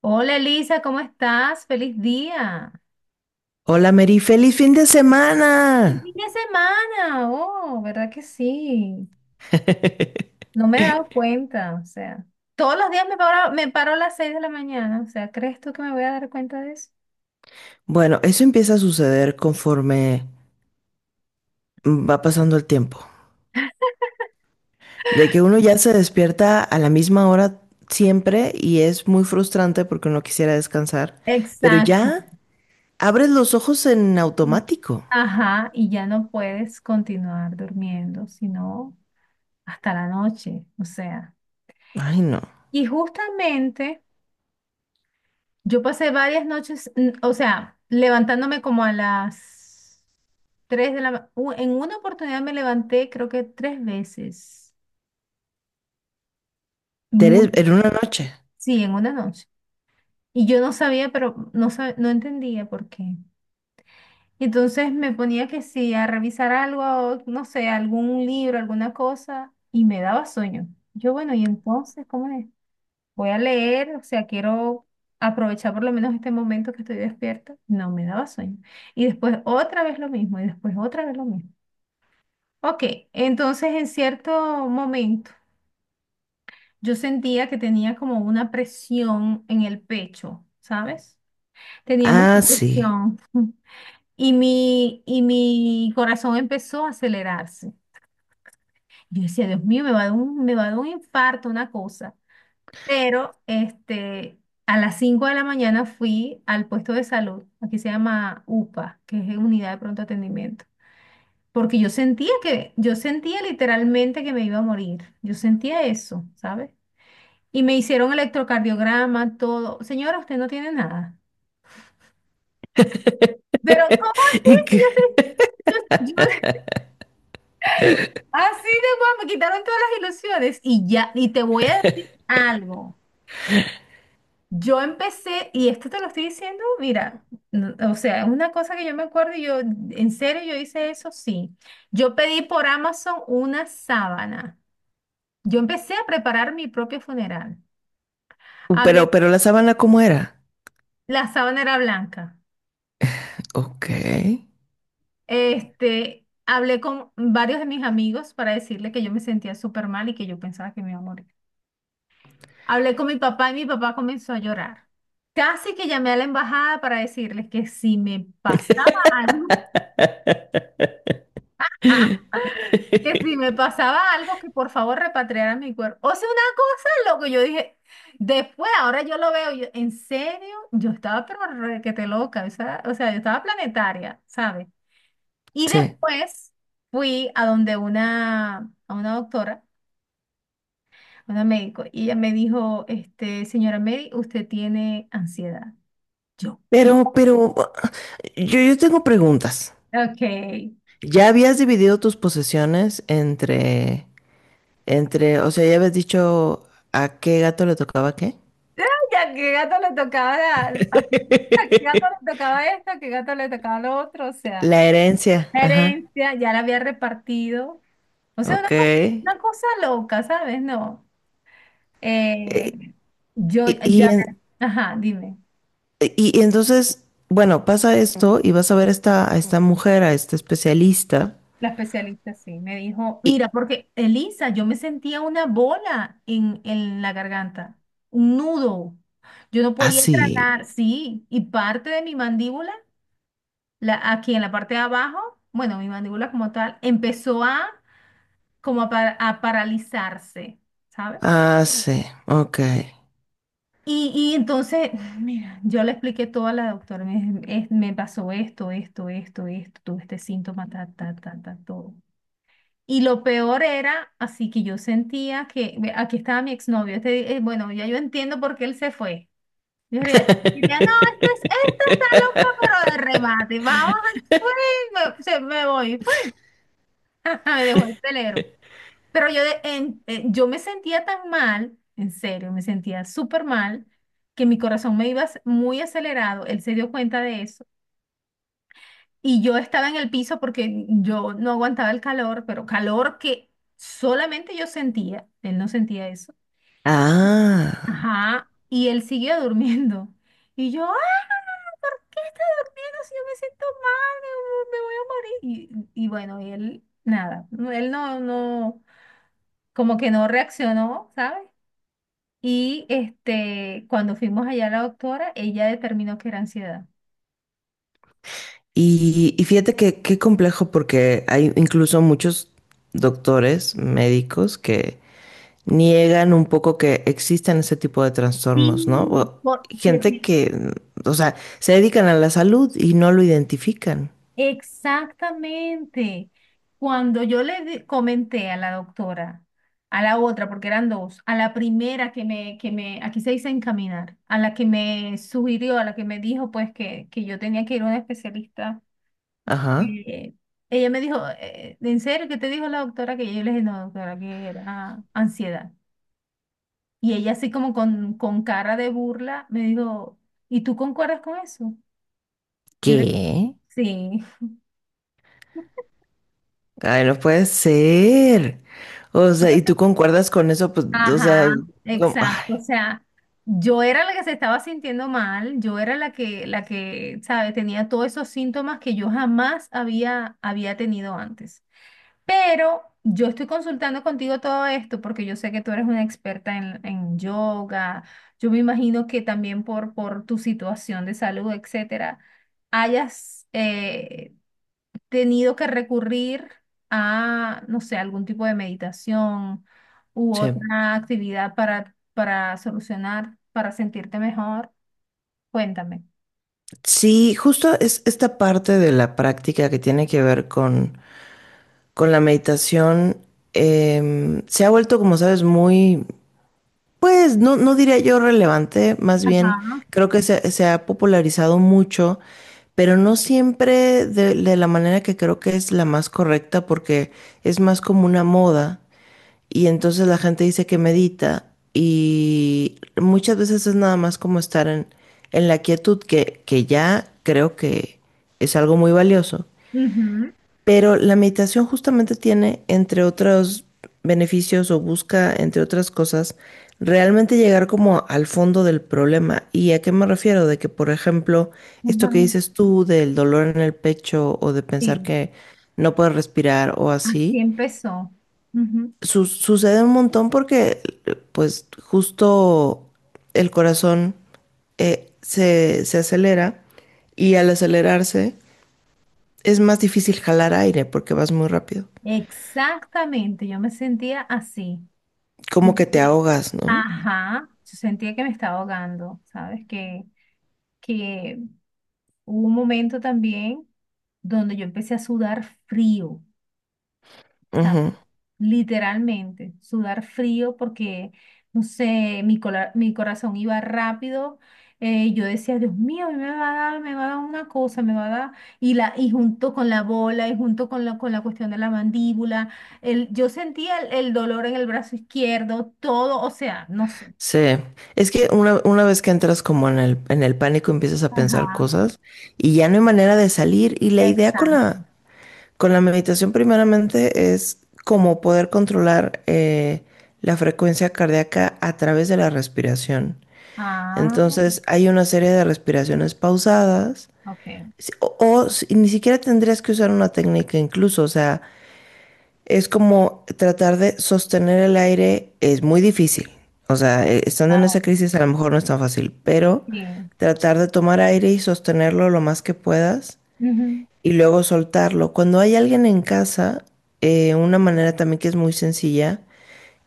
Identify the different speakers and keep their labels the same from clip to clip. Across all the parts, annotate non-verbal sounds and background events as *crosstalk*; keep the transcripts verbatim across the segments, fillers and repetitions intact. Speaker 1: Hola Elisa, ¿cómo estás? ¡Feliz día!
Speaker 2: Hola Mary, feliz fin de
Speaker 1: ¡Feliz
Speaker 2: semana.
Speaker 1: fin de semana! Oh, ¿verdad que sí?
Speaker 2: *laughs*
Speaker 1: No me he dado cuenta, o sea, todos los días me paro, me paro a las seis de la mañana, o sea, ¿crees tú que me voy a dar cuenta de eso?
Speaker 2: Bueno, eso empieza a suceder conforme va pasando el tiempo. De que uno ya se despierta a la misma hora siempre y es muy frustrante porque uno quisiera descansar, pero
Speaker 1: Exacto.
Speaker 2: ya abres los ojos en automático.
Speaker 1: Ajá, y ya no puedes continuar durmiendo, sino hasta la noche, o sea.
Speaker 2: Ay, no.
Speaker 1: Y justamente yo pasé varias noches, mm, o sea, levantándome como a las Tres de la ma- u- En una oportunidad me levanté, creo que tres veces.
Speaker 2: Te
Speaker 1: Muy,
Speaker 2: eres- en una noche.
Speaker 1: sí, en una noche. Y yo no sabía, pero no, sab- no entendía por qué. Y entonces me ponía que sí, a revisar algo, no sé, algún libro, alguna cosa, y me daba sueño. Yo, bueno, y entonces, ¿cómo es? Voy a leer, o sea, quiero aprovechar por lo menos este momento que estoy despierta. No, me daba sueño. Y después otra vez lo mismo, y después otra vez lo mismo. Ok, entonces en cierto momento. Yo sentía que tenía como una presión en el pecho, ¿sabes? Tenía mucha
Speaker 2: Ah, sí.
Speaker 1: presión y mi, y mi corazón empezó a acelerarse. Yo decía, Dios mío, me va a dar un, me va a dar un infarto, una cosa. Pero este, a las cinco de la mañana fui al puesto de salud, aquí se llama UPA, que es Unidad de Pronto Atendimiento, porque yo sentía que, yo sentía literalmente que me iba a morir. Yo sentía eso, ¿sabes? Y me hicieron electrocardiograma, todo. Señora, usted no tiene nada. Pero, ¿cómo
Speaker 2: *laughs*
Speaker 1: así?
Speaker 2: Y
Speaker 1: Si
Speaker 2: que-
Speaker 1: yo, yo- yo- así de guapo, me quitaron todas las ilusiones y ya, y te voy a decir algo. Yo empecé, y esto te lo estoy diciendo, mira, no- o sea, es una cosa que yo me acuerdo y yo, en serio, yo hice eso, sí. Yo pedí por Amazon una sábana. Yo empecé a preparar mi propio funeral. Hablé,
Speaker 2: pero, pero la sábana, ¿cómo era?
Speaker 1: la sábana era blanca.
Speaker 2: Ok.
Speaker 1: Este, hablé con varios de mis amigos para decirle que yo me sentía súper mal y que yo pensaba que me iba a morir. Hablé con mi papá y mi papá comenzó a llorar. Casi que llamé a la embajada para decirles que si me pasaba algo,
Speaker 2: *laughs*
Speaker 1: *laughs* que si me pasaba algo, que por favor repatriaran mi cuerpo. O sea, una cosa, loco, yo dije, después, ahora yo lo veo, yo, en serio, yo estaba pero requete loca, o sea, o sea, yo estaba planetaria, ¿sabes? Y
Speaker 2: Sí.
Speaker 1: después fui a donde una, a una doctora, a una médico, y ella me dijo, este, señora Mary, usted tiene ansiedad. Yo, ¿qué?
Speaker 2: Pero, pero, ah, yo, yo tengo preguntas.
Speaker 1: Ok. *laughs* Ay,
Speaker 2: ¿Ya habías dividido tus posesiones entre, entre, o sea, ya habías dicho a qué gato le tocaba qué?
Speaker 1: ¿a qué gato le tocaba la- *laughs* a qué a qué gato le
Speaker 2: *laughs*
Speaker 1: tocaba esto? ¿A qué gato le tocaba lo otro? O sea,
Speaker 2: La herencia,
Speaker 1: la
Speaker 2: ajá,
Speaker 1: herencia ya la había repartido. O sea, una,
Speaker 2: ok.
Speaker 1: co-
Speaker 2: Eh,
Speaker 1: una cosa loca, ¿sabes? No. Eh, yo
Speaker 2: y,
Speaker 1: ya...
Speaker 2: y en-
Speaker 1: Ajá, dime.
Speaker 2: y- y entonces, bueno, pasa esto y vas a ver a esta, a esta mujer, a esta especialista.
Speaker 1: La especialista sí, me dijo, mira,
Speaker 2: Y
Speaker 1: porque Elisa, yo me sentía una bola en, en la garganta, un nudo. Yo no podía
Speaker 2: así,
Speaker 1: tragar, sí, y parte de mi mandíbula, la, aquí en la parte de abajo, bueno, mi mandíbula como tal, empezó a como a, pa- a paralizarse, ¿sabes?
Speaker 2: ah, sí, ah, sí, ok.
Speaker 1: Y, y entonces, *laughs* mira, yo le expliqué todo a la doctora, me, dije, es- me pasó esto, esto, esto, esto, tuve este síntoma, ta, ta, ta, ta, todo. Y lo peor era, así que yo sentía que ve, aquí estaba mi exnovio. Este, eh, bueno, ya yo entiendo por qué él se fue. Yo diría, diría, no, este, es-
Speaker 2: *laughs*
Speaker 1: este está loco, pero de remate. Vamos, fue, me, se- me voy, fue. *laughs* Me dejó el telero. Pero yo, de- en- eh, yo me sentía tan mal, en serio, me sentía súper mal, que mi corazón me iba ac- muy acelerado. Él se dio cuenta de eso. Y yo estaba en el piso porque yo no aguantaba el calor, pero calor que solamente yo sentía. Él no sentía eso.
Speaker 2: Ah.
Speaker 1: Ajá. Y él siguió durmiendo. Y yo, ah, ¿por qué está durmiendo si yo me siento mal? Me, me voy a morir. Y, y bueno, y él, nada. No, él no, no, como que no reaccionó, ¿sabes? Y este, cuando fuimos allá a la doctora, ella determinó que era ansiedad.
Speaker 2: Y, y fíjate que qué complejo porque hay incluso muchos doctores, médicos que niegan un poco que existen ese tipo de trastornos, ¿no?
Speaker 1: Sí,
Speaker 2: O
Speaker 1: porque
Speaker 2: gente que, o sea, se dedican a la salud y no lo identifican.
Speaker 1: exactamente. Cuando yo le di- comenté a la doctora, a la otra, porque eran dos, a la primera que me, que me, aquí se dice encaminar, a la que me sugirió, a la que me dijo pues que, que yo tenía que ir a una especialista,
Speaker 2: Ajá.
Speaker 1: eh, ella me dijo, eh, ¿en serio qué te dijo la doctora? Que yo le dije, no, doctora, que era ansiedad. Y ella así como con, con cara de burla me dijo, ¿y tú concuerdas con eso? Yo le dije,
Speaker 2: ¿Qué?
Speaker 1: sí.
Speaker 2: Ay, no puede ser. O sea, ¿y tú concuerdas con eso? Pues, o
Speaker 1: Ajá,
Speaker 2: sea, como- ay,
Speaker 1: exacto. O sea, yo era la que se estaba sintiendo mal, yo era la que, la que, ¿sabes? Tenía todos esos síntomas que yo jamás había, había tenido antes. Pero yo estoy consultando contigo todo esto porque yo sé que tú eres una experta en, en yoga. Yo me imagino que también por, por tu situación de salud, etcétera, hayas, eh, tenido que recurrir a, no sé, algún tipo de meditación u
Speaker 2: sí.
Speaker 1: otra actividad para, para solucionar, para sentirte mejor. Cuéntame.
Speaker 2: Sí, justo es esta parte de la práctica que tiene que ver con con la meditación em, se ha vuelto, como sabes, muy, pues no, no diría yo relevante, más bien
Speaker 1: Ajá.
Speaker 2: creo que se, se ha popularizado mucho, pero no siempre de, de la manera que creo que es la más correcta porque es más como una moda y entonces la gente dice que medita y muchas veces es nada más como estar en, en la quietud que, que ya creo que es algo muy valioso.
Speaker 1: Ujú,
Speaker 2: Pero la meditación justamente tiene, entre otros beneficios o busca, entre otras cosas, realmente llegar como al fondo del problema. ¿Y a qué me refiero? De que, por ejemplo, esto que
Speaker 1: ujú,
Speaker 2: dices tú del dolor en el pecho o de pensar
Speaker 1: sí,
Speaker 2: que no puedes respirar o
Speaker 1: así
Speaker 2: así,
Speaker 1: empezó. Ujú.
Speaker 2: su- sucede un montón porque, pues, justo el corazón eh, se, se acelera y al acelerarse es más difícil jalar aire porque vas muy rápido.
Speaker 1: Exactamente, yo me sentía así. Yo
Speaker 2: Como que te
Speaker 1: sentía-
Speaker 2: ahogas, ¿no?
Speaker 1: ajá, yo sentía que me estaba ahogando, ¿sabes? Que, que hubo un momento también donde yo empecé a sudar frío. O sea,
Speaker 2: Ujú.
Speaker 1: literalmente, sudar frío porque, no sé, mi, cola- mi corazón iba rápido. Eh, yo decía, Dios mío, a mí me va a dar, me va a dar una cosa, me va a dar. Y, la, y junto con la bola, y junto con la, con la cuestión de la mandíbula, el, yo sentía el, el dolor en el brazo izquierdo, todo, o sea, no sé.
Speaker 2: Sí. Es que una, una vez que entras como en el, en el pánico empiezas a pensar
Speaker 1: Ajá,
Speaker 2: cosas y ya no hay manera de salir. Y la idea con
Speaker 1: exacto.
Speaker 2: la, con la meditación primeramente es como poder controlar eh, la frecuencia cardíaca a través de la respiración.
Speaker 1: Ah,
Speaker 2: Entonces hay una serie de respiraciones pausadas.
Speaker 1: ok.
Speaker 2: si- O, o si- ni siquiera tendrías que usar una técnica incluso, o sea, es como tratar de sostener el aire es muy difícil. O sea, eh, estando en
Speaker 1: Ah,
Speaker 2: esa crisis a lo mejor no es tan fácil, pero
Speaker 1: sí.
Speaker 2: tratar de tomar aire y sostenerlo lo más que puedas
Speaker 1: Ujú,
Speaker 2: y luego soltarlo. Cuando hay alguien en casa, eh, una manera también que es muy sencilla,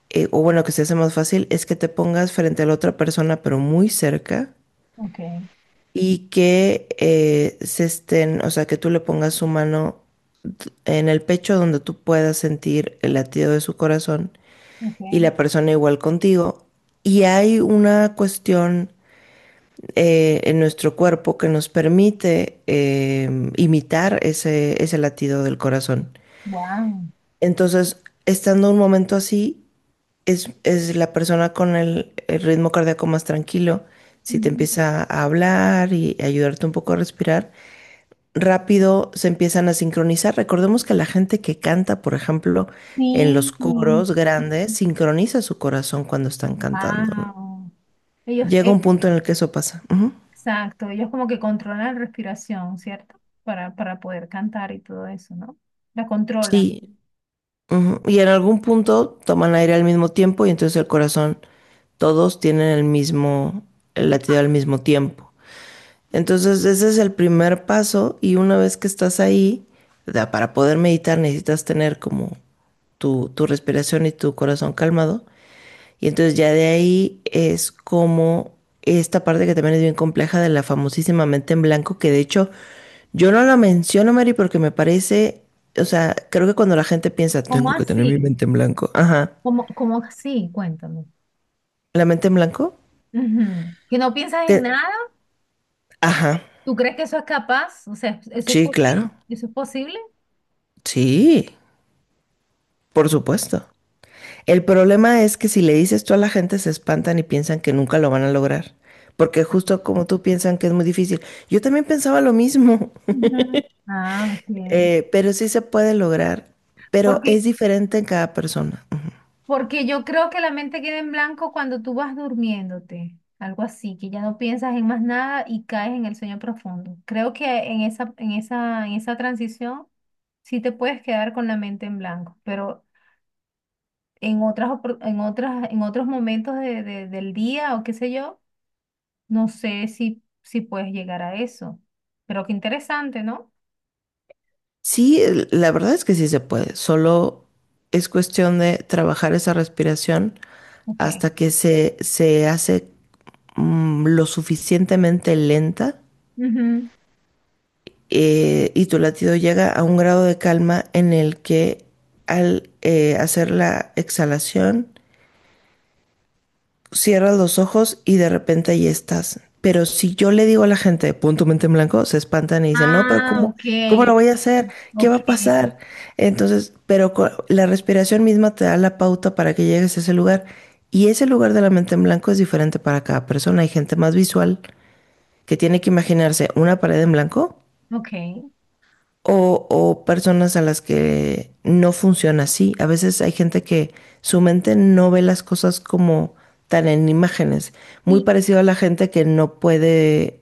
Speaker 2: eh, o bueno, que se hace más fácil, es que te pongas frente a la otra persona, pero muy cerca,
Speaker 1: ok,
Speaker 2: y que eh, se estén, o sea, que tú le pongas su mano en el pecho donde tú puedas sentir el latido de su corazón y
Speaker 1: ok.
Speaker 2: la persona igual contigo. Y hay una cuestión eh, en nuestro cuerpo que nos permite eh, imitar ese, ese latido del corazón.
Speaker 1: Wow.
Speaker 2: Entonces, estando un momento así, es, es la persona con el, el ritmo cardíaco más tranquilo. Si te empieza a hablar y ayudarte un poco a respirar, rápido se empiezan a sincronizar. Recordemos que la gente que canta, por ejemplo, en los
Speaker 1: Sí,
Speaker 2: coros grandes, sincroniza su corazón cuando están cantando, ¿no?
Speaker 1: wow. Ellos,
Speaker 2: Llega
Speaker 1: eh,
Speaker 2: un punto en el que eso pasa. Ujú.
Speaker 1: exacto, ellos como que controlan la respiración, ¿cierto? Para, para poder cantar y todo eso, ¿no? La controlan.
Speaker 2: Sí, ujú. Y en algún punto toman aire al mismo tiempo y entonces el corazón, todos tienen el mismo, el latido al mismo tiempo. Entonces ese es el primer paso y una vez que estás ahí, da- para poder meditar necesitas tener como tu, tu respiración y tu corazón calmado. Y entonces ya de ahí es como esta parte que también es bien compleja de la famosísima mente en blanco, que de hecho yo no la menciono, Mary, porque me parece, o sea, creo que cuando la gente piensa,
Speaker 1: ¿Cómo
Speaker 2: tengo que tener mi
Speaker 1: así?
Speaker 2: mente en blanco, ajá,
Speaker 1: ¿Cómo, cómo así? Cuéntame.
Speaker 2: la mente en blanco,
Speaker 1: Ujú. ¿Que no piensas en
Speaker 2: te-
Speaker 1: nada?
Speaker 2: ajá,
Speaker 1: ¿Tú crees que eso es capaz? O sea, ¿eso es
Speaker 2: sí,
Speaker 1: posible?
Speaker 2: claro,
Speaker 1: ¿Eso es posible?
Speaker 2: sí, por supuesto. El problema es que si le dices tú a la gente se espantan y piensan que nunca lo van a lograr, porque justo como tú piensan que es muy difícil, yo también pensaba lo mismo.
Speaker 1: Ujú. Ah, ok.
Speaker 2: Eh, pero sí se puede lograr, pero es
Speaker 1: Porque
Speaker 2: diferente en cada persona. Ujú.
Speaker 1: porque yo creo que la mente queda en blanco cuando tú vas durmiéndote, algo así, que ya no piensas en más nada y caes en el sueño profundo. Creo que en esa, en esa, en esa transición sí te puedes quedar con la mente en blanco, pero en otras, opor- en otras, en otros momentos de- de- del día o qué sé yo, no sé si, si puedes llegar a eso. Pero qué interesante, ¿no?
Speaker 2: Sí, el- la verdad es que sí se puede, solo es cuestión de trabajar esa respiración
Speaker 1: Ok.
Speaker 2: hasta que se, se hace mm, lo suficientemente lenta
Speaker 1: Ujú.
Speaker 2: eh, y tu latido llega a un grado de calma en el que al eh, hacer la exhalación cierras los ojos y de repente ahí estás. Pero si yo le digo a la gente, punto mente en blanco, se espantan y dicen, no, pero
Speaker 1: Ah,
Speaker 2: ¿cómo,
Speaker 1: ok.
Speaker 2: cómo lo voy a hacer? ¿Qué va
Speaker 1: Ok,
Speaker 2: a pasar? Entonces, pero co- la respiración misma te da la pauta para que llegues a ese lugar. Y ese lugar de la mente en blanco es diferente para cada persona. Hay gente más visual que tiene que imaginarse una pared en blanco
Speaker 1: ok.
Speaker 2: o, o personas a las que no funciona así. A veces hay gente que su mente no ve las cosas como tan en imágenes. Muy
Speaker 1: Y,
Speaker 2: parecido a la gente que no puede,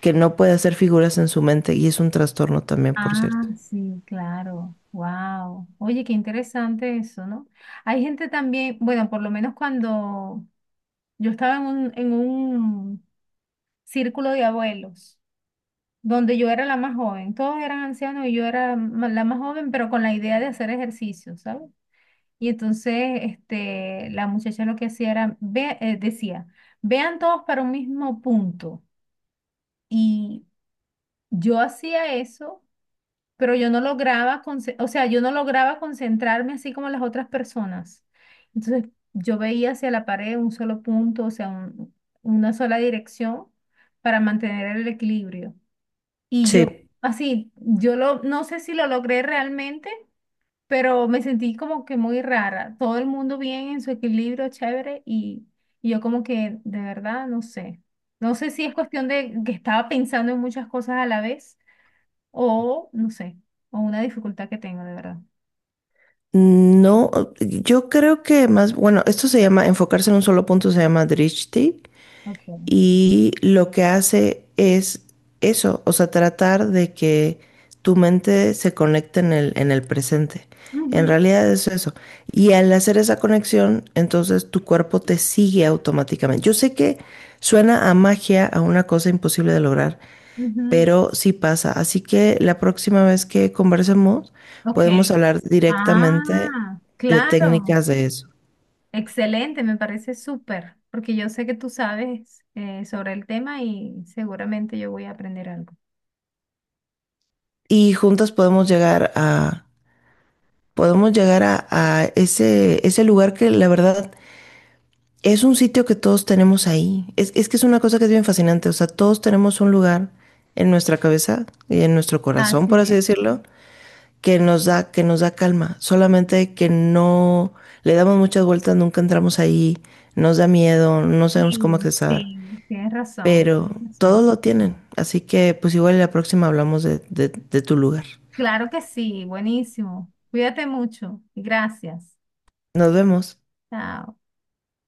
Speaker 2: que no puede hacer figuras en su mente y es un trastorno también, por
Speaker 1: ah,
Speaker 2: cierto.
Speaker 1: sí, claro. Wow. Oye, qué interesante eso, ¿no? Hay gente también, bueno, por lo menos cuando yo estaba en un, en un círculo de abuelos, donde yo era la más joven, todos eran ancianos y yo era ma- la más joven, pero con la idea de hacer ejercicio, ¿sabes? Y entonces, este, la muchacha lo que hacía era, ve, eh, decía, vean todos para un mismo punto. Y yo hacía eso, pero yo no lograba, conce- o sea, yo no lograba concentrarme así como las otras personas. Entonces, yo veía hacia la pared un solo punto, o sea, un- una sola dirección para mantener el equilibrio. Y yo,
Speaker 2: Sí.
Speaker 1: así, yo lo, no sé si lo logré realmente, pero me sentí como que muy rara. Todo el mundo bien en su equilibrio, chévere, y, y yo como que, de verdad, no sé. No sé si es cuestión de que estaba pensando en muchas cosas a la vez o, no sé, o una dificultad que tengo, de verdad.
Speaker 2: No, yo creo que más, bueno, esto se llama, enfocarse en un solo punto se llama drishti
Speaker 1: Ok.
Speaker 2: y lo que hace es eso, o sea, tratar de que tu mente se conecte en el, en el presente.
Speaker 1: Ujú,
Speaker 2: En realidad es eso. Y al hacer esa conexión, entonces tu cuerpo te sigue automáticamente. Yo sé que suena a magia, a una cosa imposible de lograr,
Speaker 1: ujú.
Speaker 2: pero sí pasa. Así que la próxima vez que conversemos,
Speaker 1: Ok.
Speaker 2: podemos hablar directamente
Speaker 1: Ah,
Speaker 2: de
Speaker 1: claro.
Speaker 2: técnicas de eso.
Speaker 1: Excelente, me parece súper, porque yo sé que tú sabes eh, sobre el tema y seguramente yo voy a aprender algo.
Speaker 2: Y juntas podemos llegar a podemos llegar a, a ese, ese lugar que la verdad es un sitio que todos tenemos ahí. Es, es que es una cosa que es bien fascinante. O sea, todos tenemos un lugar en nuestra cabeza y en nuestro corazón,
Speaker 1: Así
Speaker 2: por así
Speaker 1: es.
Speaker 2: decirlo, que nos da, que nos da calma. Solamente que no le damos muchas vueltas, nunca entramos ahí, nos da miedo, no sabemos cómo
Speaker 1: Sí,
Speaker 2: accesar.
Speaker 1: sí, tienes razón,
Speaker 2: Pero
Speaker 1: tienes razón.
Speaker 2: todos lo tienen. Así que pues igual la próxima hablamos de, de de tu lugar.
Speaker 1: Claro que sí, buenísimo. Cuídate mucho y gracias.
Speaker 2: Nos vemos.
Speaker 1: Chao.